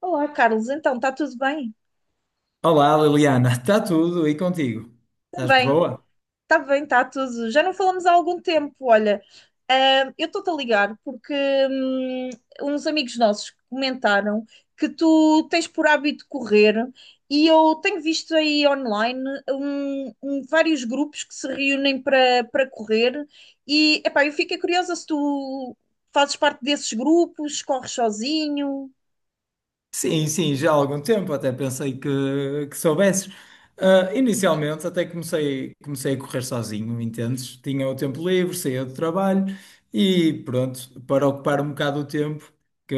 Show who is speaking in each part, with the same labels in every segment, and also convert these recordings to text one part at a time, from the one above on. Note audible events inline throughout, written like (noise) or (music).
Speaker 1: Olá, Carlos. Então, está tudo bem?
Speaker 2: Olá, Liliana, (laughs) está tudo e contigo? Estás
Speaker 1: Também.
Speaker 2: boa?
Speaker 1: Está bem, está tudo. Já não falamos há algum tempo. Olha, eu estou-te a ligar porque hum, uns amigos nossos comentaram que tu tens por hábito correr e eu tenho visto aí online vários grupos que se reúnem para correr e, epá, eu fiquei curiosa se tu fazes parte desses grupos, corres sozinho.
Speaker 2: Sim, sim, já há algum tempo, até pensei que soubesses. Ah, inicialmente até comecei a correr sozinho, entendes? Tinha o tempo livre, saía do trabalho e pronto, para ocupar um bocado o tempo, que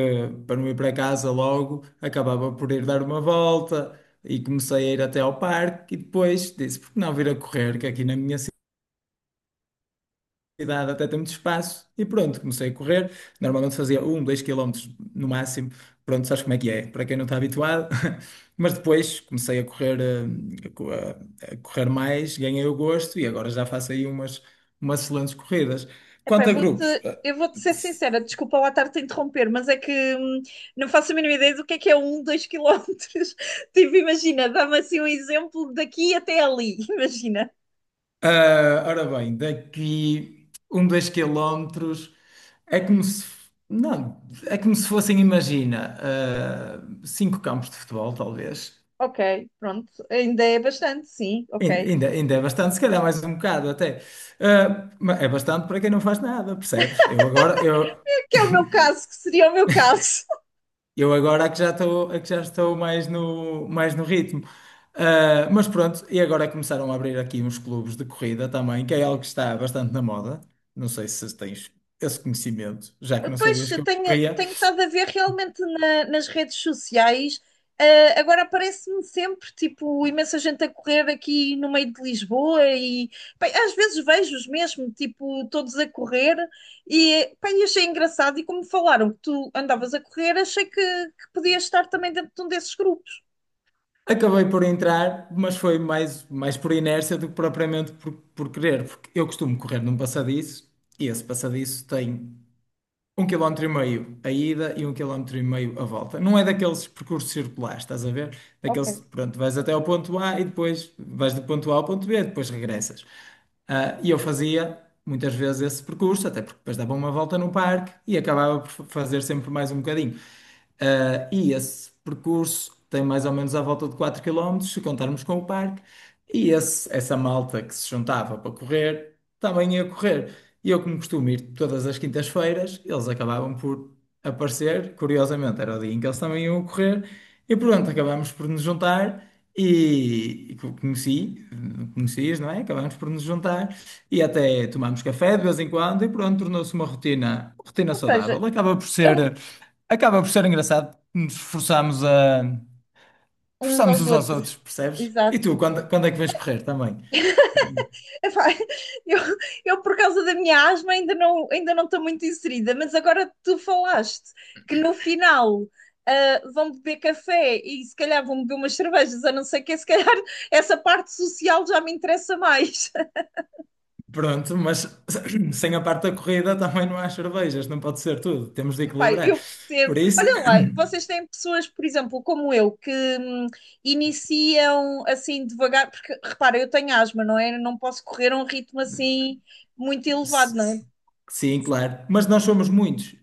Speaker 2: para não ir para casa logo, acabava por ir dar uma volta e comecei a ir até ao parque e depois disse, por que não vir a correr, que aqui na minha cidade até tem muito espaço. E pronto, comecei a correr. Normalmente fazia 1, 2 quilómetros no máximo. Pronto, sabes como é que é, para quem não está habituado. (laughs) Mas depois comecei a correr, a correr mais, ganhei o gosto e agora já faço aí umas excelentes corridas.
Speaker 1: Epá, eu
Speaker 2: Quanto a
Speaker 1: vou-te,
Speaker 2: grupos,
Speaker 1: eu vou-te ser sincera, desculpa lá estar-te a interromper, mas é que não faço a mínima ideia do que é um, dois quilómetros. (laughs) Tipo, imagina, dá-me assim um exemplo daqui até ali, (laughs) imagina.
Speaker 2: ora bem, daqui 1, 2 quilómetros é como se, não, é como se fossem, imagina, cinco campos de futebol, talvez.
Speaker 1: Ok, pronto, ainda é bastante, sim,
Speaker 2: Ain-
Speaker 1: ok.
Speaker 2: Ainda, ainda é bastante, se calhar mais um bocado até. Ah, mas é bastante para quem não faz nada, percebes?
Speaker 1: Que é o meu caso,
Speaker 2: (laughs)
Speaker 1: que seria o meu caso.
Speaker 2: Eu agora é que já estou mais no ritmo. Ah, mas pronto, e agora começaram a abrir aqui uns clubes de corrida também, que é algo que está bastante na moda. Não sei se tens esse conhecimento, já que não
Speaker 1: Pois,
Speaker 2: sabias
Speaker 1: eu
Speaker 2: que eu
Speaker 1: tenho,
Speaker 2: corria.
Speaker 1: tenho estado a ver realmente nas redes sociais. Eh, agora aparece-me sempre, tipo, imensa gente a correr aqui no meio de Lisboa e, pá, às vezes vejo-os mesmo, tipo, todos a correr e, pá, e achei engraçado e como falaram que tu andavas a correr, achei que podias estar também dentro de um desses grupos.
Speaker 2: Acabei por entrar, mas foi mais por inércia do que propriamente por querer, porque eu costumo correr num passadiço e esse passadiço tem 1,5 quilómetros a ida e 1,5 quilómetros a volta. Não é daqueles percursos circulares, estás a ver?
Speaker 1: Ok.
Speaker 2: Daqueles, pronto, vais até ao ponto A e depois vais do ponto A ao ponto B, depois regressas. Ah, e eu fazia muitas vezes esse percurso, até porque depois dava uma volta no parque e acabava por fazer sempre mais um bocadinho. E esse percurso tem mais ou menos à volta de 4 quilómetros se contarmos com o parque, e essa malta que se juntava para correr também ia correr. E eu, como costumo ir todas as quintas-feiras, eles acabavam por aparecer. Curiosamente, era o dia em que eles também iam correr, e pronto, acabámos por nos juntar. E conheci, conhecias, não é? Acabámos por nos juntar e até tomámos café de vez em quando, e pronto, tornou-se uma rotina, rotina
Speaker 1: Ou seja,
Speaker 2: saudável. Acaba por
Speaker 1: é um-
Speaker 2: ser. Acaba por ser engraçado, nos forçamos a
Speaker 1: uns
Speaker 2: forçamos
Speaker 1: aos
Speaker 2: uns aos
Speaker 1: outros.
Speaker 2: outros, percebes? E
Speaker 1: Exato.
Speaker 2: tu, quando é que vais correr também?
Speaker 1: Epá, eu, eu por causa da minha asma, ainda não estou muito inserida, mas agora tu falaste que no final vão beber café e se calhar vão beber umas cervejas, a não ser que se calhar essa parte social já me interessa mais. (laughs)
Speaker 2: Pronto, mas (clears throat) sem a parte da corrida também não há cervejas, não pode ser tudo, temos de
Speaker 1: Epá,
Speaker 2: equilibrar.
Speaker 1: eu percebo.
Speaker 2: Por isso,
Speaker 1: Olha lá, vocês têm pessoas, por exemplo, como eu, que hum, iniciam assim devagar, porque repara, eu tenho asma, não é? Eu não posso correr a um ritmo assim muito
Speaker 2: (clears throat)
Speaker 1: elevado,
Speaker 2: s-
Speaker 1: não é?
Speaker 2: sim, claro, mas nós somos muitos,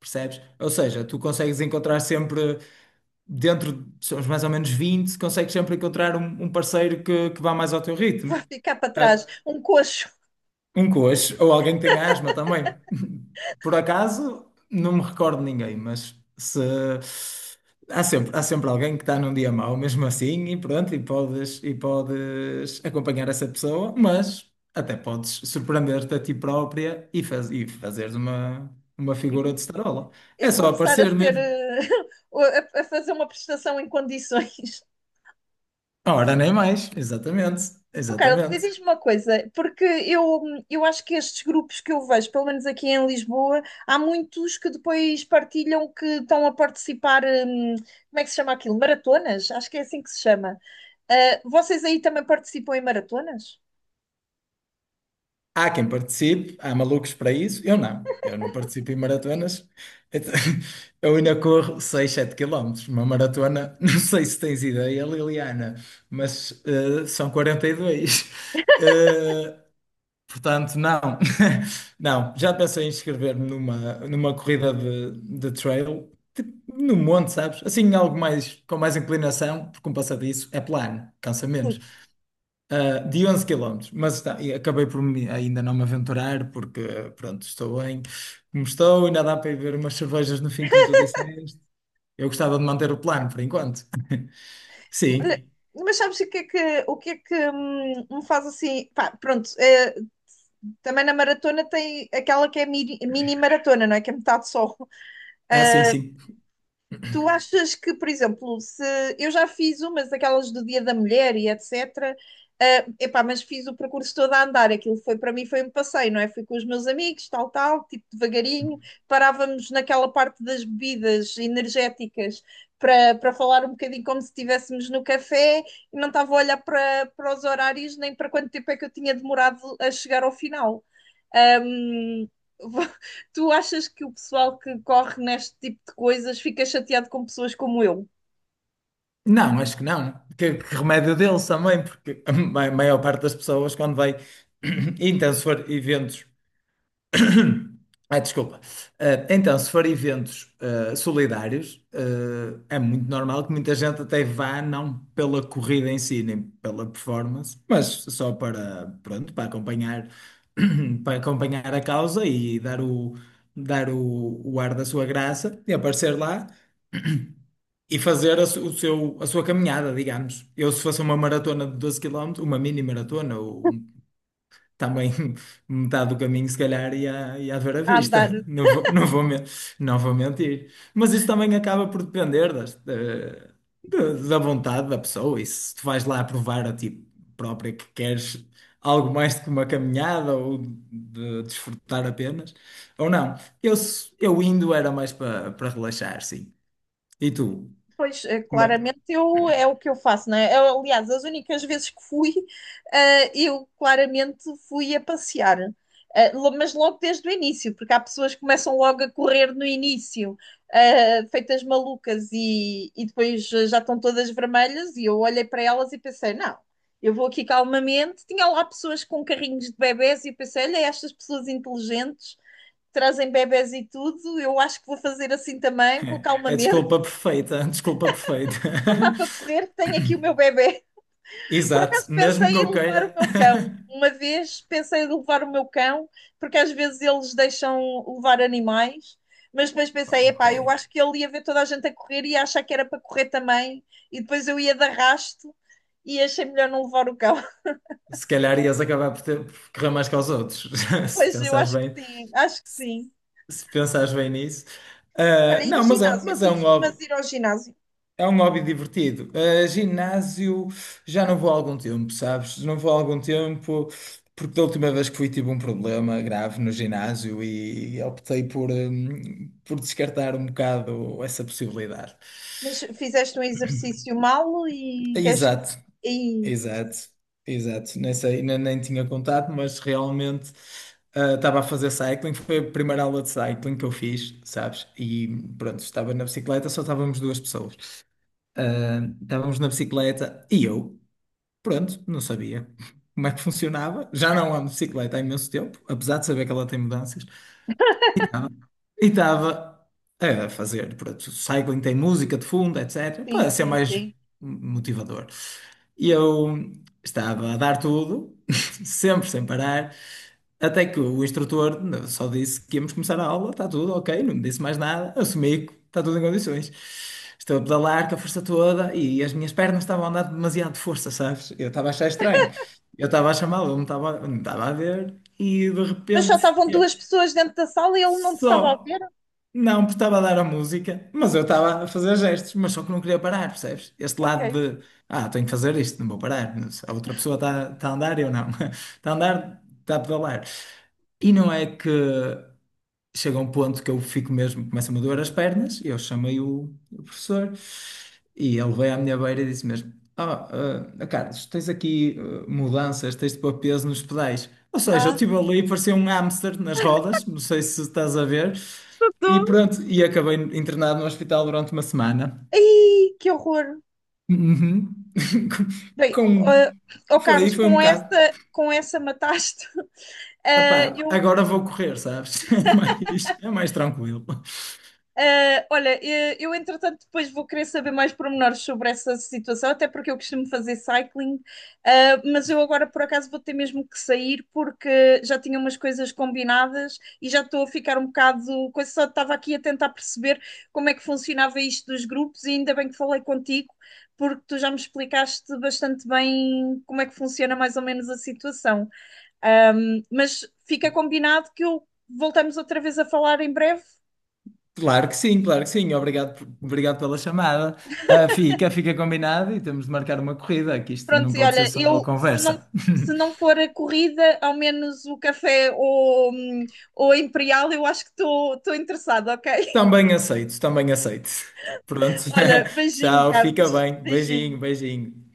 Speaker 2: percebes? Ou seja, tu consegues encontrar sempre, dentro, somos mais ou menos 20. Consegues sempre encontrar um parceiro que vá mais ao teu
Speaker 1: Vai
Speaker 2: ritmo.
Speaker 1: ficar para trás,
Speaker 2: Ah,
Speaker 1: um coxo.
Speaker 2: um coxo, ou alguém que tenha asma também. (laughs) Por acaso, não me recordo de ninguém, mas se há sempre alguém que está num dia mau, mesmo assim, e pronto, e podes acompanhar essa pessoa, mas até podes surpreender-te a ti própria e fazeres uma figura de starola.
Speaker 1: E
Speaker 2: É só
Speaker 1: começar a
Speaker 2: aparecer
Speaker 1: ser
Speaker 2: mesmo.
Speaker 1: (laughs) a fazer uma prestação em condições. (laughs)
Speaker 2: Ora, nem mais, exatamente,
Speaker 1: Oh, Carlos, e
Speaker 2: exatamente.
Speaker 1: diz-me uma coisa, porque eu acho que estes grupos que eu vejo, pelo menos aqui em Lisboa, há muitos que depois partilham que estão a participar, como é que se chama aquilo? Maratonas? Acho que é assim que se chama. Ah, vocês aí também participam em maratonas?
Speaker 2: Há quem participe, há malucos para isso. Eu não participo em maratonas. Então, (laughs) eu ainda corro 6, 7 quilómetros. Uma maratona, (laughs) não sei se tens ideia, Liliana, mas são 42. Eh, Portanto, não. (laughs) Não, já pensei em inscrever-me numa corrida de trail, tipo, no monte, sabes? Assim, algo mais com mais inclinação, porque um passadiço é plano, cansa
Speaker 1: Ui.
Speaker 2: menos de 11 quilómetros, mas está, e acabei por ainda não me aventurar, porque pronto, estou bem como estou, ainda dá para ir ver umas cervejas no fim, como tu disseste. Eu gostava de manter o plano por enquanto.
Speaker 1: Olha,
Speaker 2: Sim,
Speaker 1: mas sabes o que é que, o que, é que me faz assim? Pá, pronto, também na maratona tem aquela que é mini, mini maratona, não é? Que é metade só.
Speaker 2: ah, sim, sim.
Speaker 1: Tu achas que, por exemplo, se eu já fiz umas daquelas do Dia da Mulher e etc. Mas fiz o percurso todo a andar, aquilo foi para mim foi um passeio, não é? Fui com os meus amigos, tal, tal, tipo devagarinho, parávamos naquela parte das bebidas energéticas para falar um bocadinho como se estivéssemos no café e não estava a olhar para os horários nem para quanto tempo é que eu tinha demorado a chegar ao final. Hum. (laughs) Tu achas que o pessoal que corre neste tipo de coisas fica chateado com pessoas como eu
Speaker 2: Não, acho que não. Que remédio deles também, porque a maior parte das pessoas, quando vai, (clears throat) então, se for eventos. (coughs) Ai, desculpa. Então, se for eventos solidários, é muito normal que muita gente até vá, não pela corrida em si, nem pela performance, mas só para, pronto, para acompanhar, (coughs) (clears throat) para acompanhar a causa e dar o ar da sua graça e aparecer lá e fazer a, su- o seu, a sua caminhada, digamos. Eu, se fosse uma maratona de 12 quilómetros, uma mini maratona, ou um também (laughs) metade do caminho, se calhar, ia haver à
Speaker 1: a
Speaker 2: vista.
Speaker 1: andar?
Speaker 2: (laughs) Não vou, não vou, men- não vou mentir. Mas isso também acaba por depender das, da, da da vontade da pessoa. E se tu vais lá provar a ti própria que queres algo mais do que uma caminhada ou de desfrutar apenas, ou não. Eu indo era mais para relaxar, sim. E tu?
Speaker 1: Pois,
Speaker 2: Como É
Speaker 1: claramente eu, é o que eu faço, não é? Eu, aliás, as únicas vezes que fui, eu claramente fui a passear. Mas logo desde o início, porque há pessoas que começam logo a correr no início, feitas malucas e depois já estão todas vermelhas. E eu olhei para elas e pensei: não, eu vou aqui calmamente. Tinha lá pessoas com carrinhos de bebés e eu pensei: olha, estas pessoas inteligentes trazem bebés e tudo, eu acho que vou fazer assim também, vou
Speaker 2: (laughs) é
Speaker 1: calmamente,
Speaker 2: desculpa perfeita, (laughs) desculpa perfeita.
Speaker 1: não
Speaker 2: (laughs)
Speaker 1: dá para correr, tenho aqui o meu bebê. Por acaso
Speaker 2: Exato, mesmo que
Speaker 1: pensei
Speaker 2: eu
Speaker 1: em levar o
Speaker 2: queira.
Speaker 1: meu cão.
Speaker 2: (laughs)
Speaker 1: Uma vez pensei em levar o meu cão, porque às vezes eles deixam levar animais, mas depois pensei,
Speaker 2: Ok.
Speaker 1: epá, eu acho que ele ia ver toda a gente a correr e ia achar que era para correr também, e depois eu ia de arrasto e achei melhor não levar o cão. (laughs)
Speaker 2: Se calhar ias acabar por correr mais que aos outros, (laughs) se
Speaker 1: Pois eu
Speaker 2: pensares
Speaker 1: acho
Speaker 2: bem,
Speaker 1: que sim, acho que sim.
Speaker 2: se pensares bem nisso.
Speaker 1: Olha,
Speaker 2: Ah,
Speaker 1: e
Speaker 2: não, mas é,
Speaker 1: ginásio?
Speaker 2: mas
Speaker 1: Tu
Speaker 2: é um hobby,
Speaker 1: costumas ir ao ginásio,
Speaker 2: é um hobby divertido. Ah, ginásio, já não vou há algum tempo, sabes? Não vou há algum tempo, porque da última vez que fui tive um problema grave no ginásio e optei por descartar um bocado essa possibilidade.
Speaker 1: mas fizeste um exercício mal e deste.
Speaker 2: Exato.
Speaker 1: E...
Speaker 2: Exato, exato. Nem sei, ainda nem tinha contato, mas realmente estava a fazer cycling. Foi a primeira aula de cycling que eu fiz, sabes? E pronto, estava na bicicleta, só estávamos duas pessoas. Ah, estávamos na bicicleta e eu, pronto, não sabia (laughs) como é que funcionava. Já não ando de bicicleta há imenso tempo, apesar de saber que ela tem mudanças. Ah, e estava a fazer, pronto, cycling tem música de fundo, etc,
Speaker 1: Sim,
Speaker 2: para ser
Speaker 1: sim,
Speaker 2: mais
Speaker 1: sim.
Speaker 2: motivador. E eu estava a dar tudo, (laughs) sempre sem parar, até que o instrutor só disse que íamos começar a aula, está tudo ok, não me disse mais nada, assumi que está tudo em condições. Estou a pedalar com a força toda e as minhas pernas estavam a andar demasiado de força, sabes? Eu estava a achar estranho. Eu estava a chamá-lo, ele não estava a ver e de
Speaker 1: Mas só
Speaker 2: repente
Speaker 1: estavam duas
Speaker 2: eu
Speaker 1: pessoas dentro da sala e ele não te estava a
Speaker 2: só.
Speaker 1: ver?
Speaker 2: Não, porque estava a dar a música, mas eu estava a fazer gestos, mas só que não queria parar, percebes? Este
Speaker 1: Ok.
Speaker 2: lado de, tenho que fazer isto, não vou parar. Mas a outra pessoa está, a andar, eu não. (laughs) Está a andar, está a pedalar. E não é que chega a um ponto que eu fico mesmo, começa-me a doer as pernas, e eu chamei o professor e ele veio à minha beira e disse mesmo: Carlos, tens aqui mudanças, tens de pôr peso nos pedais. Ou seja, eu
Speaker 1: Ah.
Speaker 2: estive ali e parecia um hamster nas rodas, não sei se estás a ver, e
Speaker 1: Tô.
Speaker 2: pronto, e acabei internado no hospital durante uma semana.
Speaker 1: Ai, que horror.
Speaker 2: Uhum. (laughs)
Speaker 1: Bem,
Speaker 2: Com,
Speaker 1: ó
Speaker 2: foi,
Speaker 1: Carlos,
Speaker 2: foi um bocado.
Speaker 1: com essa mataste. (laughs) Ah,
Speaker 2: Epá,
Speaker 1: eu.
Speaker 2: agora vou correr, sabes? (laughs) É mais tranquilo.
Speaker 1: Ah, olha, eu entretanto depois vou querer saber mais pormenores sobre essa situação, até porque eu costumo fazer cycling, ah, mas eu agora por acaso vou ter mesmo que sair porque já tinha umas coisas combinadas e já estou a ficar um bocado. Coisa, só estava aqui a tentar perceber como é que funcionava isto dos grupos e ainda bem que falei contigo, porque tu já me explicaste bastante bem como é que funciona mais ou menos a situação. Mas fica combinado que eu voltamos outra vez a falar em breve.
Speaker 2: Claro que sim, claro que sim. Obrigado, obrigado pela chamada. Ah, fica combinado e temos de marcar uma corrida, que isto não
Speaker 1: Pronto, e
Speaker 2: pode ser
Speaker 1: olha,
Speaker 2: só
Speaker 1: eu se não,
Speaker 2: conversa.
Speaker 1: se não for a corrida, ao menos o café ou a Imperial, eu acho que estou interessada, ok? (laughs)
Speaker 2: Também aceito, também aceito. Pronto.
Speaker 1: Olha,
Speaker 2: (laughs)
Speaker 1: beijinho,
Speaker 2: Tchau, fica
Speaker 1: Carlos.
Speaker 2: bem.
Speaker 1: Beijinho.
Speaker 2: Beijinho, beijinho.